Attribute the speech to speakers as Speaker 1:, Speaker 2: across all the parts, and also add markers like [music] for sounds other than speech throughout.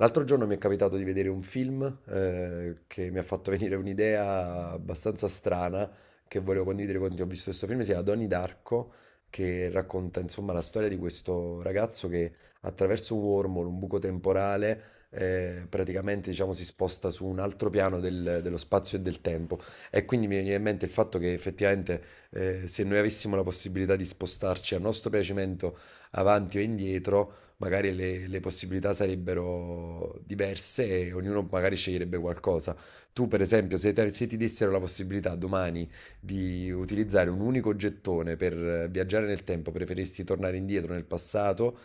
Speaker 1: L'altro giorno mi è capitato di vedere un film che mi ha fatto [laughs] venire un'idea abbastanza strana che volevo condividere con te. Ho visto questo film, si chiama Donnie Darko, che racconta insomma la storia di questo ragazzo che attraverso un wormhole, un buco temporale, praticamente diciamo, si sposta su un altro piano dello spazio e del tempo. E quindi mi viene in mente il fatto che effettivamente se noi avessimo la possibilità di spostarci a nostro piacimento avanti o indietro, magari le possibilità sarebbero diverse e ognuno magari sceglierebbe qualcosa. Tu, per esempio, se ti dessero la possibilità domani di utilizzare un unico gettone per viaggiare nel tempo, preferiresti tornare indietro nel passato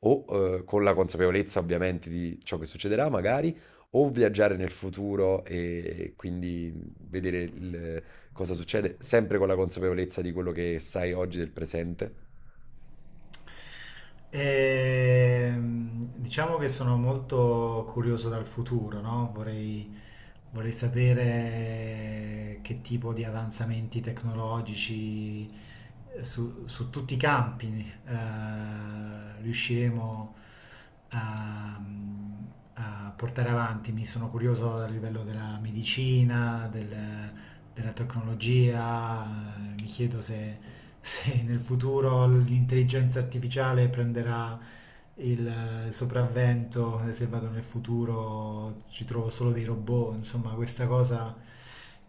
Speaker 1: o con la consapevolezza ovviamente di ciò che succederà, magari, o viaggiare nel futuro e quindi vedere il- cosa succede, sempre con la consapevolezza di quello che sai oggi del presente?
Speaker 2: Diciamo che sono molto curioso dal futuro, no? Vorrei sapere che tipo di avanzamenti tecnologici su tutti i campi riusciremo a, a portare avanti. Mi sono curioso a livello della medicina, della tecnologia, mi chiedo se nel futuro l'intelligenza artificiale prenderà il sopravvento, se vado nel futuro ci trovo solo dei robot, insomma questa cosa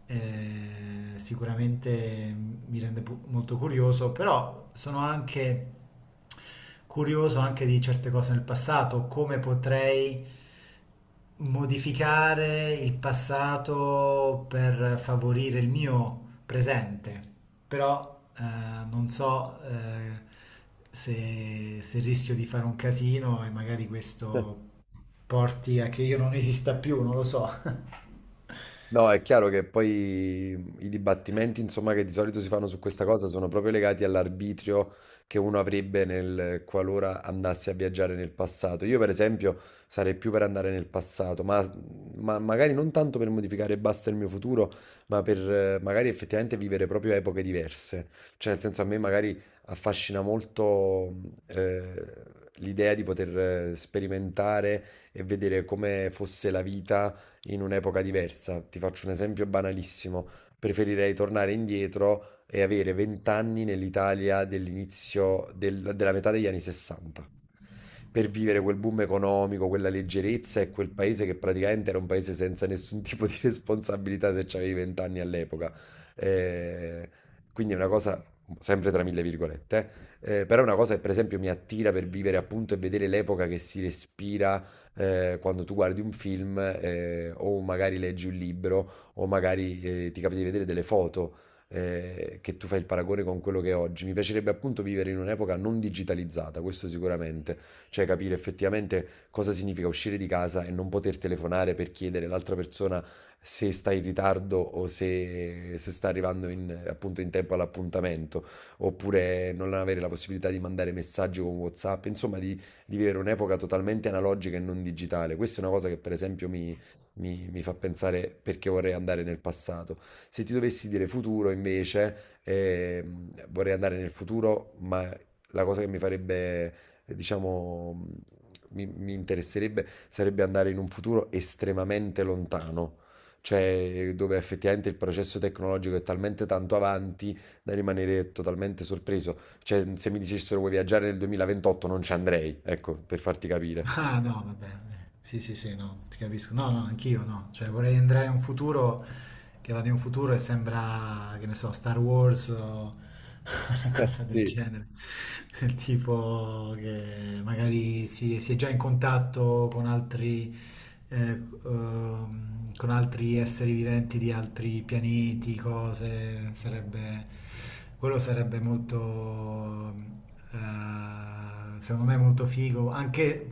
Speaker 2: sicuramente mi rende molto curioso, però sono anche curioso anche di certe cose nel passato, come potrei modificare il passato per favorire il mio presente, però non so se rischio di fare un casino e magari
Speaker 1: [laughs]
Speaker 2: questo porti a che io non esista più, non lo so. [laughs]
Speaker 1: No, è chiaro che poi i dibattimenti, insomma, che di solito si fanno su questa cosa sono proprio legati all'arbitrio che uno avrebbe nel qualora andasse a viaggiare nel passato. Io, per esempio, sarei più per andare nel passato, ma magari non tanto per modificare e basta il mio futuro, ma per magari effettivamente vivere proprio epoche diverse. Cioè, nel senso, a me magari affascina molto l'idea di poter sperimentare e vedere come fosse la vita in un'epoca diversa. Ti faccio un esempio banalissimo. Preferirei tornare indietro e avere 20 anni nell'Italia dell'inizio della metà degli anni 60 per vivere quel boom economico, quella leggerezza e quel paese che praticamente era un paese senza nessun [laughs] tipo di responsabilità se c'avevi 20 anni all'epoca. Eh, quindi è una cosa, sempre tra mille virgolette, però è una cosa che per esempio mi attira per vivere appunto e vedere l'epoca che si respira quando tu guardi un film o magari leggi un libro o magari ti capita di vedere delle foto che tu fai il paragone con quello che è oggi. Mi piacerebbe appunto vivere in un'epoca non digitalizzata, questo sicuramente, cioè capire effettivamente cosa significa uscire di casa e non poter telefonare per chiedere all'altra persona se sta in ritardo o se sta arrivando appunto in tempo all'appuntamento, oppure non avere la possibilità di mandare messaggi con WhatsApp, insomma di vivere un'epoca totalmente analogica e non digitale. Questa è una cosa che per esempio mi fa pensare perché vorrei andare nel passato. Se ti dovessi dire futuro invece, vorrei andare nel futuro, ma la cosa che mi farebbe, diciamo, mi interesserebbe sarebbe andare in un futuro estremamente lontano. Cioè, dove effettivamente il processo tecnologico è talmente tanto avanti da rimanere totalmente sorpreso. Cioè, se mi dicessero vuoi viaggiare nel 2028 non ci andrei, ecco, per farti capire.
Speaker 2: Ah no, vabbè, sì, sì, sì, no, ti capisco. No, no, anch'io no. Cioè vorrei andare in un futuro che va di un futuro e sembra, che ne so, Star Wars o [laughs] una cosa del
Speaker 1: Sì,
Speaker 2: genere. Del tipo che magari si è già in contatto eh, con altri esseri viventi di altri pianeti, cose, sarebbe, quello sarebbe molto, secondo me molto figo, anche,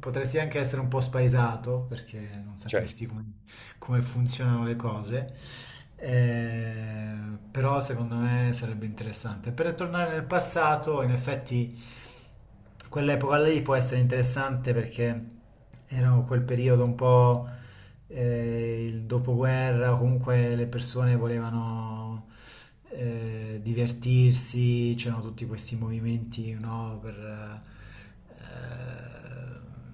Speaker 2: potresti anche essere un po' spaesato perché non
Speaker 1: certo.
Speaker 2: sapresti come funzionano le cose. Eh, Però secondo me sarebbe interessante. Per tornare nel passato, in effetti quell'epoca lì può essere interessante perché era quel periodo un po' il dopoguerra, o comunque le persone volevano divertirsi, c'erano tutti questi movimenti, no, per eh,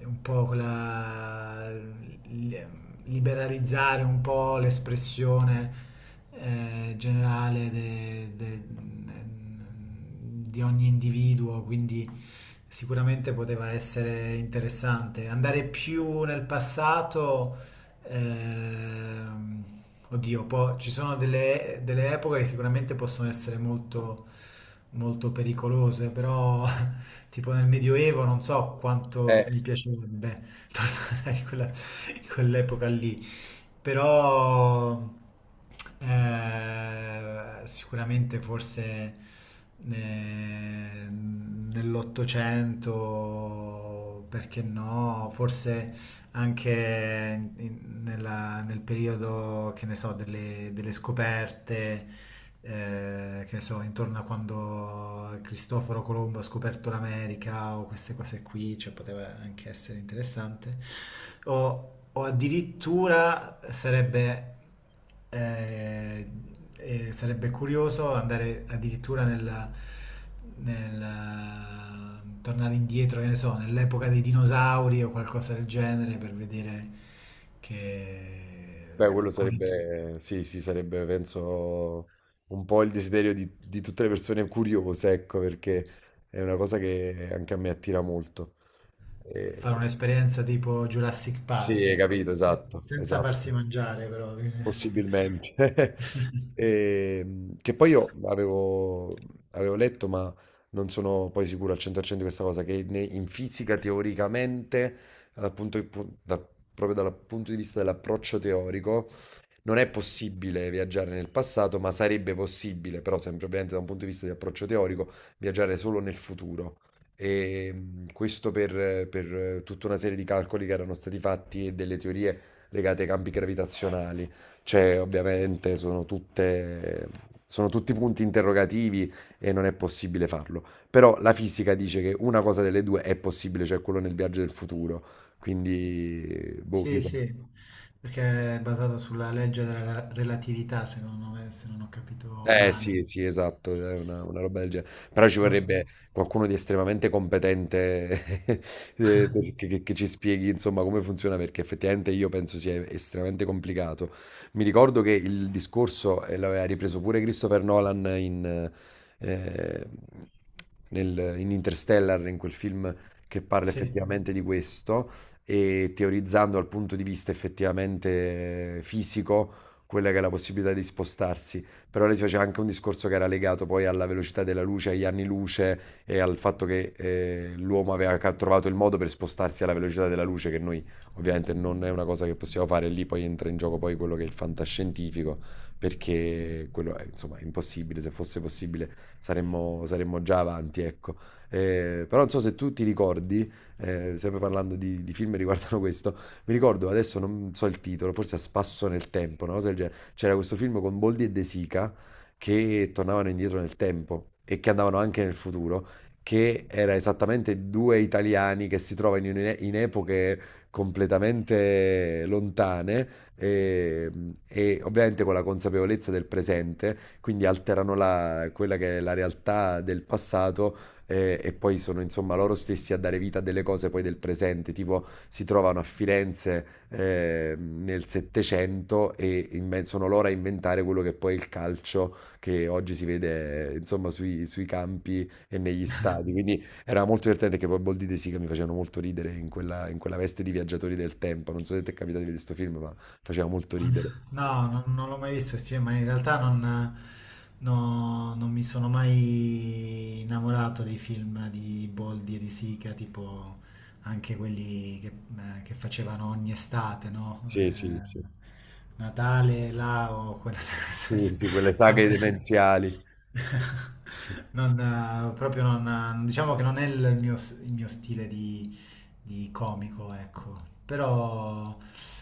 Speaker 2: un po' quella, il- liberalizzare un po' l'espressione generale di ogni individuo, quindi sicuramente poteva essere interessante. Andare più nel passato, ehm, oddio, ci sono delle, epoche che sicuramente possono essere molto, molto pericolose, però tipo nel Medioevo non so quanto
Speaker 1: Eh,
Speaker 2: mi piacerebbe [laughs] tornare in quell'epoca lì, però sicuramente forse nell'Ottocento, perché no, forse anche nel periodo, che ne so, delle, scoperte, che ne so, intorno a quando Cristoforo Colombo ha scoperto l'America o queste cose qui, cioè poteva anche essere interessante, o addirittura eh, sarebbe curioso andare addirittura nel tornare indietro, che ne so, nell'epoca dei dinosauri o qualcosa del genere per vedere
Speaker 1: Beh, quello
Speaker 2: che con i-
Speaker 1: sarebbe, sì, sì, sarebbe, penso, un po' il desiderio di tutte le persone curiose, ecco, perché è una cosa che anche a me attira molto.
Speaker 2: fare
Speaker 1: Eh,
Speaker 2: un'esperienza tipo Jurassic
Speaker 1: sì,
Speaker 2: Park,
Speaker 1: hai
Speaker 2: ecco,
Speaker 1: capito, esatto,
Speaker 2: senza
Speaker 1: esatto.
Speaker 2: farsi mangiare però.
Speaker 1: Possibilmente. [laughs]
Speaker 2: [laughs]
Speaker 1: Che poi io avevo letto, ma non sono poi sicuro al 100% di questa cosa, in fisica teoricamente, dal punto di pu- da- proprio dal punto di vista dell'approccio teorico, non è possibile viaggiare nel passato, ma sarebbe possibile, però sempre ovviamente da un punto di vista di approccio teorico, viaggiare solo nel futuro. E questo per tutta una serie di calcoli che erano stati fatti e delle teorie legate ai campi gravitazionali. Cioè, ovviamente sono tutti punti interrogativi e non è possibile farlo. Però la fisica dice che una cosa delle due è possibile, cioè quello nel viaggio del futuro. Quindi, boh,
Speaker 2: Sì,
Speaker 1: chissà.
Speaker 2: sì, perché è basato sulla legge della relatività, se non ho capito
Speaker 1: Eh
Speaker 2: male.
Speaker 1: sì, sì, esatto, è una roba del genere. Però ci
Speaker 2: No.
Speaker 1: vorrebbe qualcuno di estremamente competente che ci spieghi insomma come funziona perché effettivamente io penso sia estremamente complicato. Mi ricordo che il discorso l'aveva ripreso pure Christopher Nolan eh, in Interstellar, in quel film che parla
Speaker 2: Sì.
Speaker 1: effettivamente di questo e teorizzando dal punto di vista effettivamente fisico quella che è la possibilità di spostarsi. Però lei si faceva anche un discorso che era legato poi alla velocità della luce, agli anni luce, e al fatto che l'uomo aveva trovato il modo per spostarsi alla velocità della luce, che noi ovviamente non è una cosa che possiamo fare, lì poi entra in gioco poi quello che è il fantascientifico, perché quello è, insomma, è impossibile, se fosse possibile saremmo già avanti, ecco. Però non so se tu ti ricordi, sempre parlando di film che riguardano questo, mi ricordo adesso non so il titolo, forse a spasso nel tempo, una cosa del genere. C'era questo film con Boldi e De Sica che tornavano indietro nel tempo e che andavano anche nel futuro che era esattamente due italiani che si trovano in epoche completamente lontane e, e ovviamente con la consapevolezza del presente, quindi alterano quella che è la realtà del passato e poi sono insomma loro stessi a dare vita a delle cose poi del presente, tipo si trovano a Firenze nel Settecento e sono loro a inventare quello che poi è il calcio che oggi si vede insomma sui campi e negli stadi, quindi era molto divertente che poi Boldi e De Sica mi facevano molto ridere in quella veste di viaggiatori del tempo, non so se ti è capitato di vedere questo film, ma faceva molto ridere.
Speaker 2: No, non l'ho mai visto, sì, ma in realtà non, no, non mi sono mai innamorato dei film di Boldi e di Sica, tipo anche quelli che facevano ogni estate, no?
Speaker 1: Sì, sì, sì.
Speaker 2: Natale, là o quella [laughs]
Speaker 1: Sì,
Speaker 2: cosa.
Speaker 1: sì, quelle saghe
Speaker 2: Vabbè.
Speaker 1: demenziali.
Speaker 2: Non, proprio non, diciamo che non è il mio, stile di comico, ecco. Però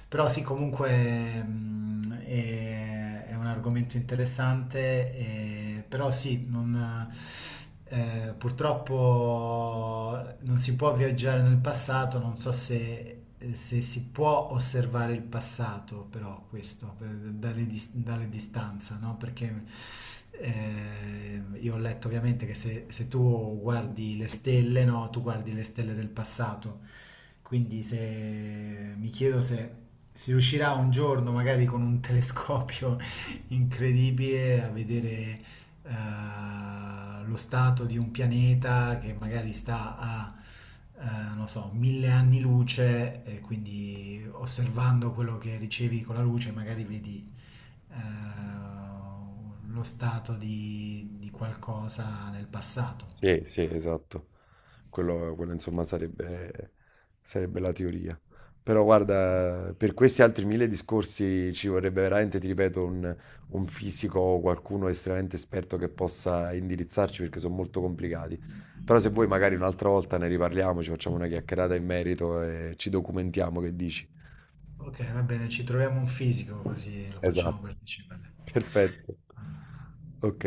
Speaker 2: però sì, comunque è un argomento interessante, però sì, non, purtroppo non si può viaggiare nel passato, non so se si può osservare il passato, però questo, dalle distanza, no? Perché io ho letto ovviamente che se tu guardi le stelle, no? Tu guardi le stelle del passato quindi se mi chiedo se si riuscirà un giorno, magari con un telescopio [laughs] incredibile, a vedere lo stato di un pianeta che magari sta a, non so, 1.000 anni luce, e quindi osservando quello che ricevi con la luce, magari vedi eh, lo stato di, qualcosa nel passato.
Speaker 1: Sì, sì, esatto. Insomma sarebbe la teoria. Però guarda, per questi altri mille discorsi ci vorrebbe veramente, ti ripeto, un fisico o qualcuno estremamente esperto che possa indirizzarci perché sono molto complicati. Però se vuoi magari un'altra volta ne riparliamo, ci facciamo una chiacchierata in merito e ci documentiamo, che dici?
Speaker 2: Ok, va bene, ci troviamo un fisico così lo facciamo
Speaker 1: Esatto.
Speaker 2: partecipare.
Speaker 1: [laughs] Perfetto. Ok.